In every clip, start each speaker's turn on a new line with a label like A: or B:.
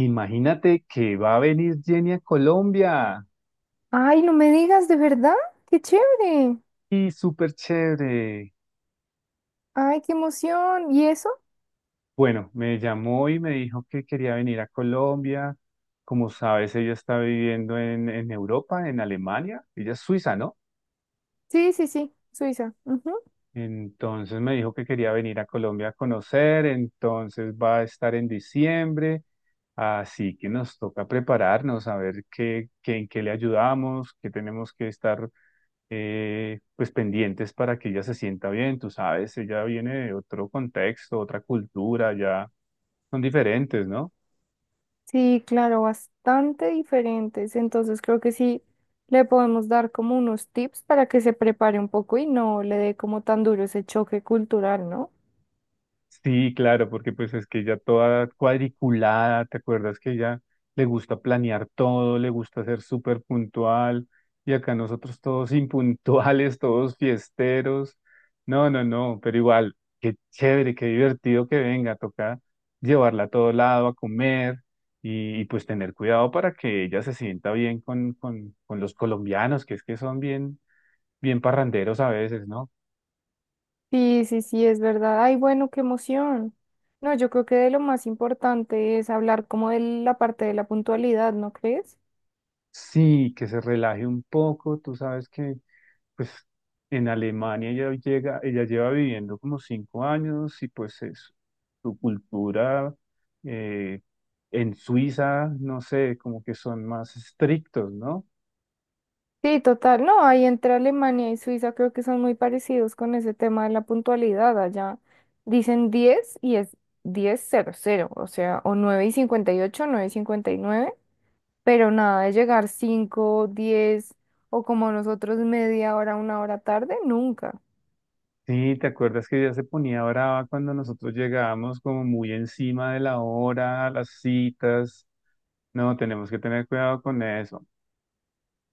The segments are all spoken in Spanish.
A: Imagínate que va a venir Jenny a Colombia.
B: Ay, no me digas, ¿de verdad? ¡Qué chévere!
A: Y súper chévere.
B: ¡Ay, qué emoción! ¿Y eso?
A: Bueno, me llamó y me dijo que quería venir a Colombia. Como sabes, ella está viviendo en Europa, en Alemania. Ella es suiza, ¿no?
B: Sí, sí, sí, Suiza. Ujú.
A: Entonces me dijo que quería venir a Colombia a conocer, entonces va a estar en diciembre, así que nos toca prepararnos, a ver en qué le ayudamos, qué tenemos que estar pues pendientes para que ella se sienta bien, tú sabes, ella viene de otro contexto, otra cultura, ya son diferentes, ¿no?
B: Sí, claro, bastante diferentes. Entonces creo que sí le podemos dar como unos tips para que se prepare un poco y no le dé como tan duro ese choque cultural, ¿no?
A: Sí, claro, porque pues es que ella toda cuadriculada, ¿te acuerdas que ella le gusta planear todo, le gusta ser súper puntual? Y acá nosotros todos impuntuales, todos fiesteros. No, no, no, pero igual, qué chévere, qué divertido que venga, toca llevarla a todo lado a comer y, pues tener cuidado para que ella se sienta bien con los colombianos, que es que son bien, bien parranderos a veces, ¿no?
B: Sí, sí, sí, es verdad. Ay, bueno, qué emoción. No, yo creo que de lo más importante es hablar como de la parte de la puntualidad, ¿no crees?
A: Sí, que se relaje un poco, tú sabes que pues en Alemania ella llega, ella lleva viviendo como 5 años y pues es su cultura eh, en Suiza, no sé, como que son más estrictos, ¿no?
B: Sí, total. No, ahí entre Alemania y Suiza creo que son muy parecidos con ese tema de la puntualidad. Allá dicen 10 y es 10:00, o sea, o 9:58, 9:59, pero nada de llegar 5, 10 o como nosotros media hora, una hora tarde, nunca.
A: Sí, ¿te acuerdas que ella se ponía brava cuando nosotros llegábamos como muy encima de la hora, a las citas? No, tenemos que tener cuidado con eso.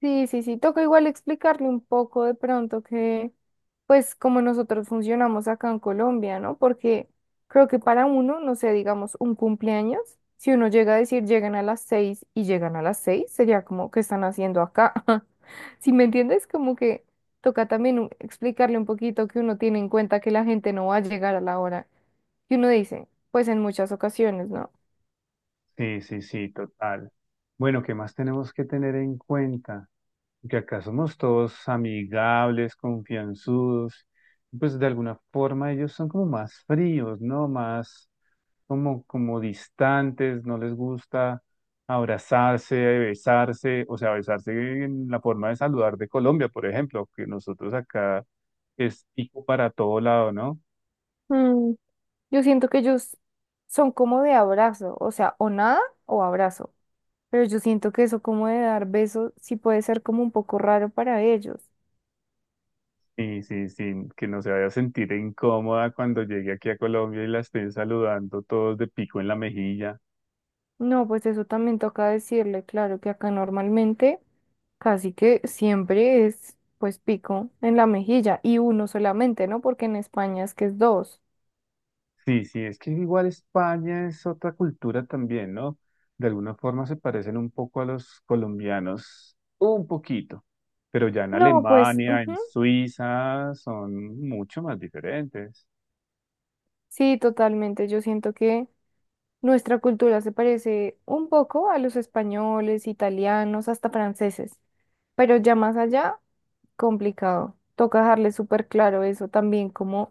B: Sí, sí, sí, toca igual explicarle un poco de pronto que, pues, como nosotros funcionamos acá en Colombia, ¿no? Porque creo que para uno, no sé, digamos, un cumpleaños, si uno llega a decir llegan a las seis y llegan a las seis, sería como, ¿qué están haciendo acá? Si me entiendes, como que toca también explicarle un poquito que uno tiene en cuenta que la gente no va a llegar a la hora que uno dice, pues en muchas ocasiones, ¿no?
A: Sí, sí, sí, total. Bueno, ¿qué más tenemos que tener en cuenta? Que acá somos todos amigables, confianzudos, y pues de alguna forma ellos son como más fríos, ¿no? Más como distantes, no les gusta abrazarse, besarse, o sea, besarse en la forma de saludar de Colombia, por ejemplo, que nosotros acá es pico para todo lado, ¿no?
B: Mm, yo siento que ellos son como de abrazo, o sea, o nada o abrazo. Pero yo siento que eso como de dar besos sí puede ser como un poco raro para ellos.
A: Y sí, sí, que no se vaya a sentir incómoda cuando llegue aquí a Colombia y la estén saludando todos de pico en la mejilla.
B: No, pues eso también toca decirle, claro que acá normalmente casi que siempre es pues pico en la mejilla y uno solamente, ¿no? Porque en España es que es dos.
A: Sí, sí, es que igual España es otra cultura también, ¿no? De alguna forma se parecen un poco a los colombianos, un poquito, pero ya en
B: No, pues
A: Alemania,
B: ujú,
A: en Suiza, son mucho más diferentes.
B: sí, totalmente. Yo siento que nuestra cultura se parece un poco a los españoles, italianos, hasta franceses. Pero ya más allá, complicado. Toca dejarle súper claro eso también, como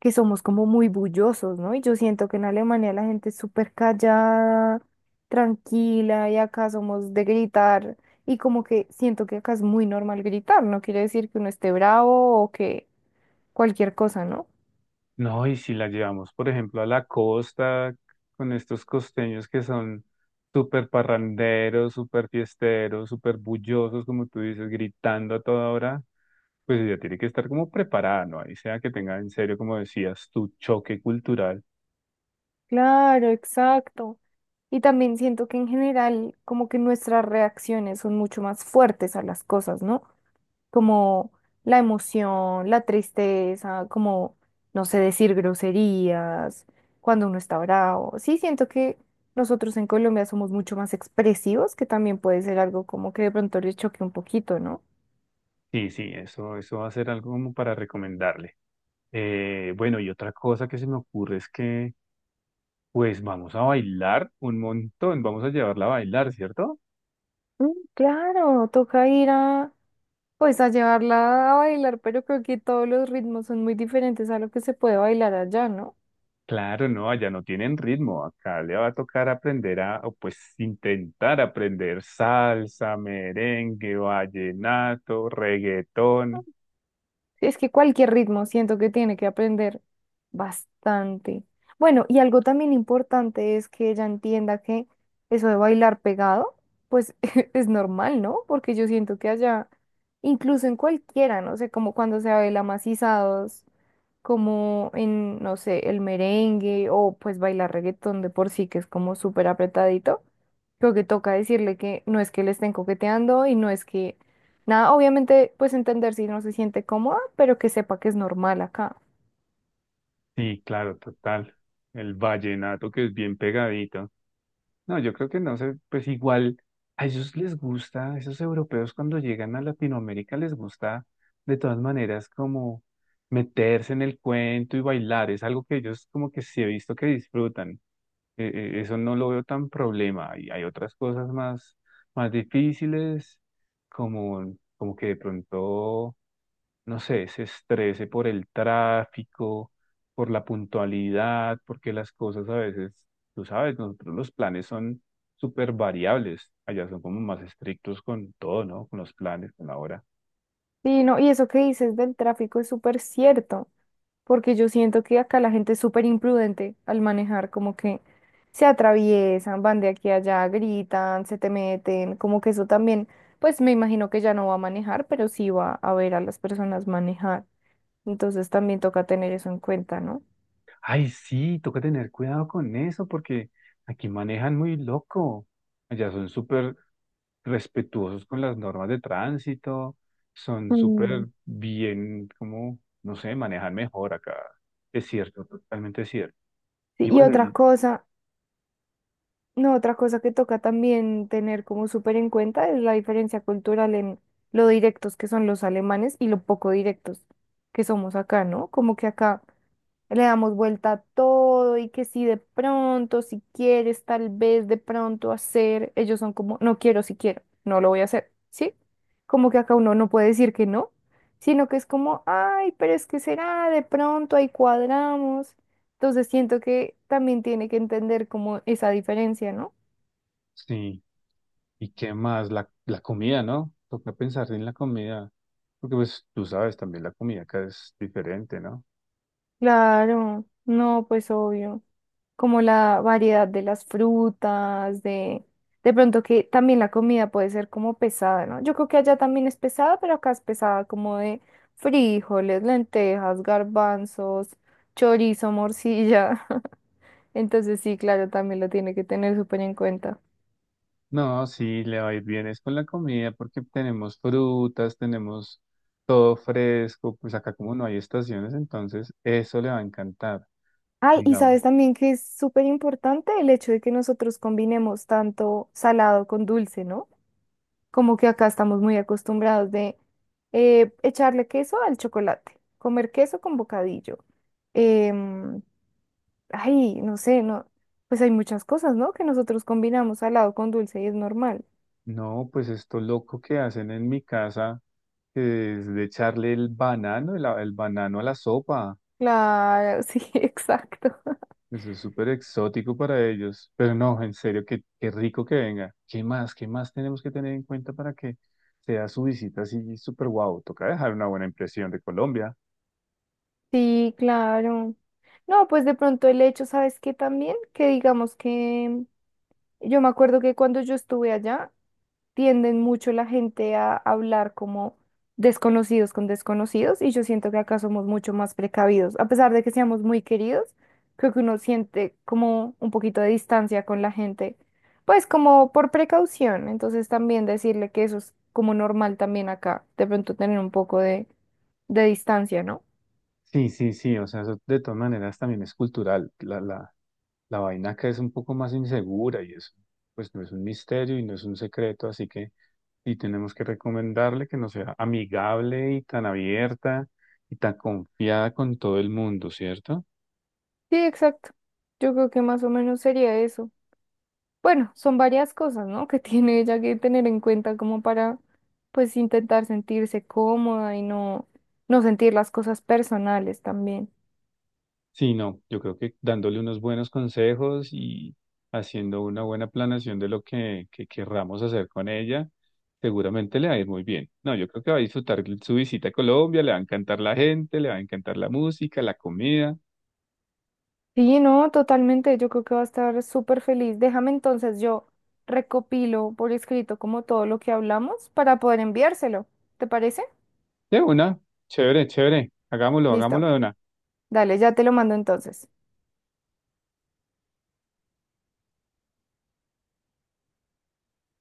B: que somos como muy bullosos, ¿no? Y yo siento que en Alemania la gente es súper callada, tranquila, y acá somos de gritar, y como que siento que acá es muy normal gritar, no quiere decir que uno esté bravo o que cualquier cosa, ¿no?
A: No, y si la llevamos, por ejemplo, a la costa con estos costeños que son súper parranderos, súper fiesteros, súper bullosos, como tú dices, gritando a toda hora, pues ella tiene que estar como preparada, ¿no? Ahí sea que tenga en serio, como decías, tu choque cultural.
B: Claro, exacto. Y también siento que en general como que nuestras reacciones son mucho más fuertes a las cosas, ¿no? Como la emoción, la tristeza, como, no sé, decir groserías, cuando uno está bravo. Sí, siento que nosotros en Colombia somos mucho más expresivos, que también puede ser algo como que de pronto les choque un poquito, ¿no?
A: Sí, sí, eso va a ser algo como para recomendarle. Bueno, y otra cosa que se me ocurre es que, pues vamos a bailar un montón, vamos a llevarla a bailar, ¿cierto?
B: Mm, claro, toca ir a, pues a llevarla a bailar, pero creo que todos los ritmos son muy diferentes a lo que se puede bailar allá, ¿no?
A: Claro, no, allá no tienen ritmo. Acá le va a tocar o pues intentar aprender salsa, merengue, vallenato, reggaetón.
B: Sí, es que cualquier ritmo siento que tiene que aprender bastante. Bueno, y algo también importante es que ella entienda que eso de bailar pegado, pues es normal, ¿no? Porque yo siento que allá, incluso en cualquiera, no sé, como cuando se baila macizados, como en, no sé, el merengue o pues bailar reggaetón de por sí, que es como súper apretadito, creo que toca decirle que no es que le estén coqueteando y no es que nada, obviamente pues entender si no se siente cómoda, pero que sepa que es normal acá.
A: Sí, claro, total. El vallenato que es bien pegadito. No, yo creo que no sé, pues igual a ellos les gusta, a esos europeos cuando llegan a Latinoamérica les gusta de todas maneras como meterse en el cuento y bailar. Es algo que ellos como que sí he visto que disfrutan. Eso no lo veo tan problema. Y hay otras cosas más, más difíciles, como que de pronto, no sé, se estrese por el tráfico, por la puntualidad, porque las cosas a veces, tú sabes, nosotros los planes son súper variables. Allá son como más estrictos con todo, ¿no? Con los planes, con la hora.
B: Sí, no, y eso que dices del tráfico es súper cierto. Porque yo siento que acá la gente es súper imprudente al manejar, como que se atraviesan, van de aquí a allá, gritan, se te meten, como que eso también, pues me imagino que ya no va a manejar, pero sí va a ver a las personas manejar. Entonces también toca tener eso en cuenta, ¿no?
A: Ay, sí, toca tener cuidado con eso porque aquí manejan muy loco. Allá son súper respetuosos con las normas de tránsito, son
B: Mm,
A: súper bien, como, no sé, manejan mejor acá. Es cierto, totalmente cierto.
B: sí,
A: Y
B: y
A: bueno,
B: otra cosa, no, otra cosa que toca también tener como súper en cuenta es la diferencia cultural en lo directos que son los alemanes y lo poco directos que somos acá, ¿no? Como que acá le damos vuelta a todo y que si de pronto, si quieres, tal vez de pronto hacer, ellos son como, no quiero, si quiero, no lo voy a hacer, ¿sí? Como que acá uno no puede decir que no, sino que es como, ay, pero es que será, de pronto ahí cuadramos. Entonces siento que también tiene que entender como esa diferencia, ¿no?
A: sí, ¿y qué más? La comida, ¿no? Toca pensar en la comida, porque pues tú sabes, también la comida acá es diferente, ¿no?
B: Claro, no, pues obvio. Como la variedad de las frutas, de pronto que también la comida puede ser como pesada, ¿no? Yo creo que allá también es pesada, pero acá es pesada como de frijoles, lentejas, garbanzos, chorizo, morcilla. Entonces sí, claro, también lo tiene que tener súper en cuenta.
A: No, sí, le va a ir bien es con la comida porque tenemos frutas, tenemos todo fresco, pues acá como no hay estaciones, entonces eso le va a encantar,
B: Ay, y
A: digamos.
B: sabes también que es súper importante el hecho de que nosotros combinemos tanto salado con dulce, ¿no? Como que acá estamos muy acostumbrados de echarle queso al chocolate, comer queso con bocadillo. em, Ay, no sé, no, pues hay muchas cosas, ¿no? Que nosotros combinamos salado con dulce y es normal.
A: No, pues esto loco que hacen en mi casa es de echarle el banano, el banano a la sopa.
B: Claro, sí, exacto.
A: Eso es súper exótico para ellos. Pero no, en serio, qué, qué rico que venga. ¿Qué más? ¿Qué más tenemos que tener en cuenta para que sea su visita así súper guau? Toca dejar una buena impresión de Colombia.
B: Sí, claro. No, pues de pronto el hecho, ¿sabes qué también? Que digamos que yo me acuerdo que cuando yo estuve allá, tienden mucho la gente a hablar como desconocidos con desconocidos y yo siento que acá somos mucho más precavidos. A pesar de que seamos muy queridos, creo que uno siente como un poquito de distancia con la gente, pues como por precaución. Entonces también decirle que eso es como normal también acá, de pronto tener un poco de distancia, ¿no?
A: Sí, sí, sí. O sea, eso de todas maneras también es cultural. La vaina acá es un poco más insegura y eso, pues no es un misterio y no es un secreto, así que. Y tenemos que recomendarle que no sea amigable y tan abierta y tan confiada con todo el mundo, ¿cierto?
B: Sí, exacto. Yo creo que más o menos sería eso. Bueno, son varias cosas, ¿no? Que tiene ella que tener en cuenta como para, pues, intentar sentirse cómoda y no, no sentir las cosas personales también.
A: Sí, no, yo creo que dándole unos buenos consejos y haciendo una buena planeación de lo que querramos hacer con ella, seguramente le va a ir muy bien. No, yo creo que va a disfrutar su visita a Colombia, le va a encantar la gente, le va a encantar la música, la comida.
B: Sí, no, totalmente. Yo creo que va a estar súper feliz. Déjame entonces, yo recopilo por escrito como todo lo que hablamos para poder enviárselo. ¿Te parece?
A: De una, chévere, chévere, hagámoslo, hagámoslo
B: Listo.
A: de una.
B: Dale, ya te lo mando entonces.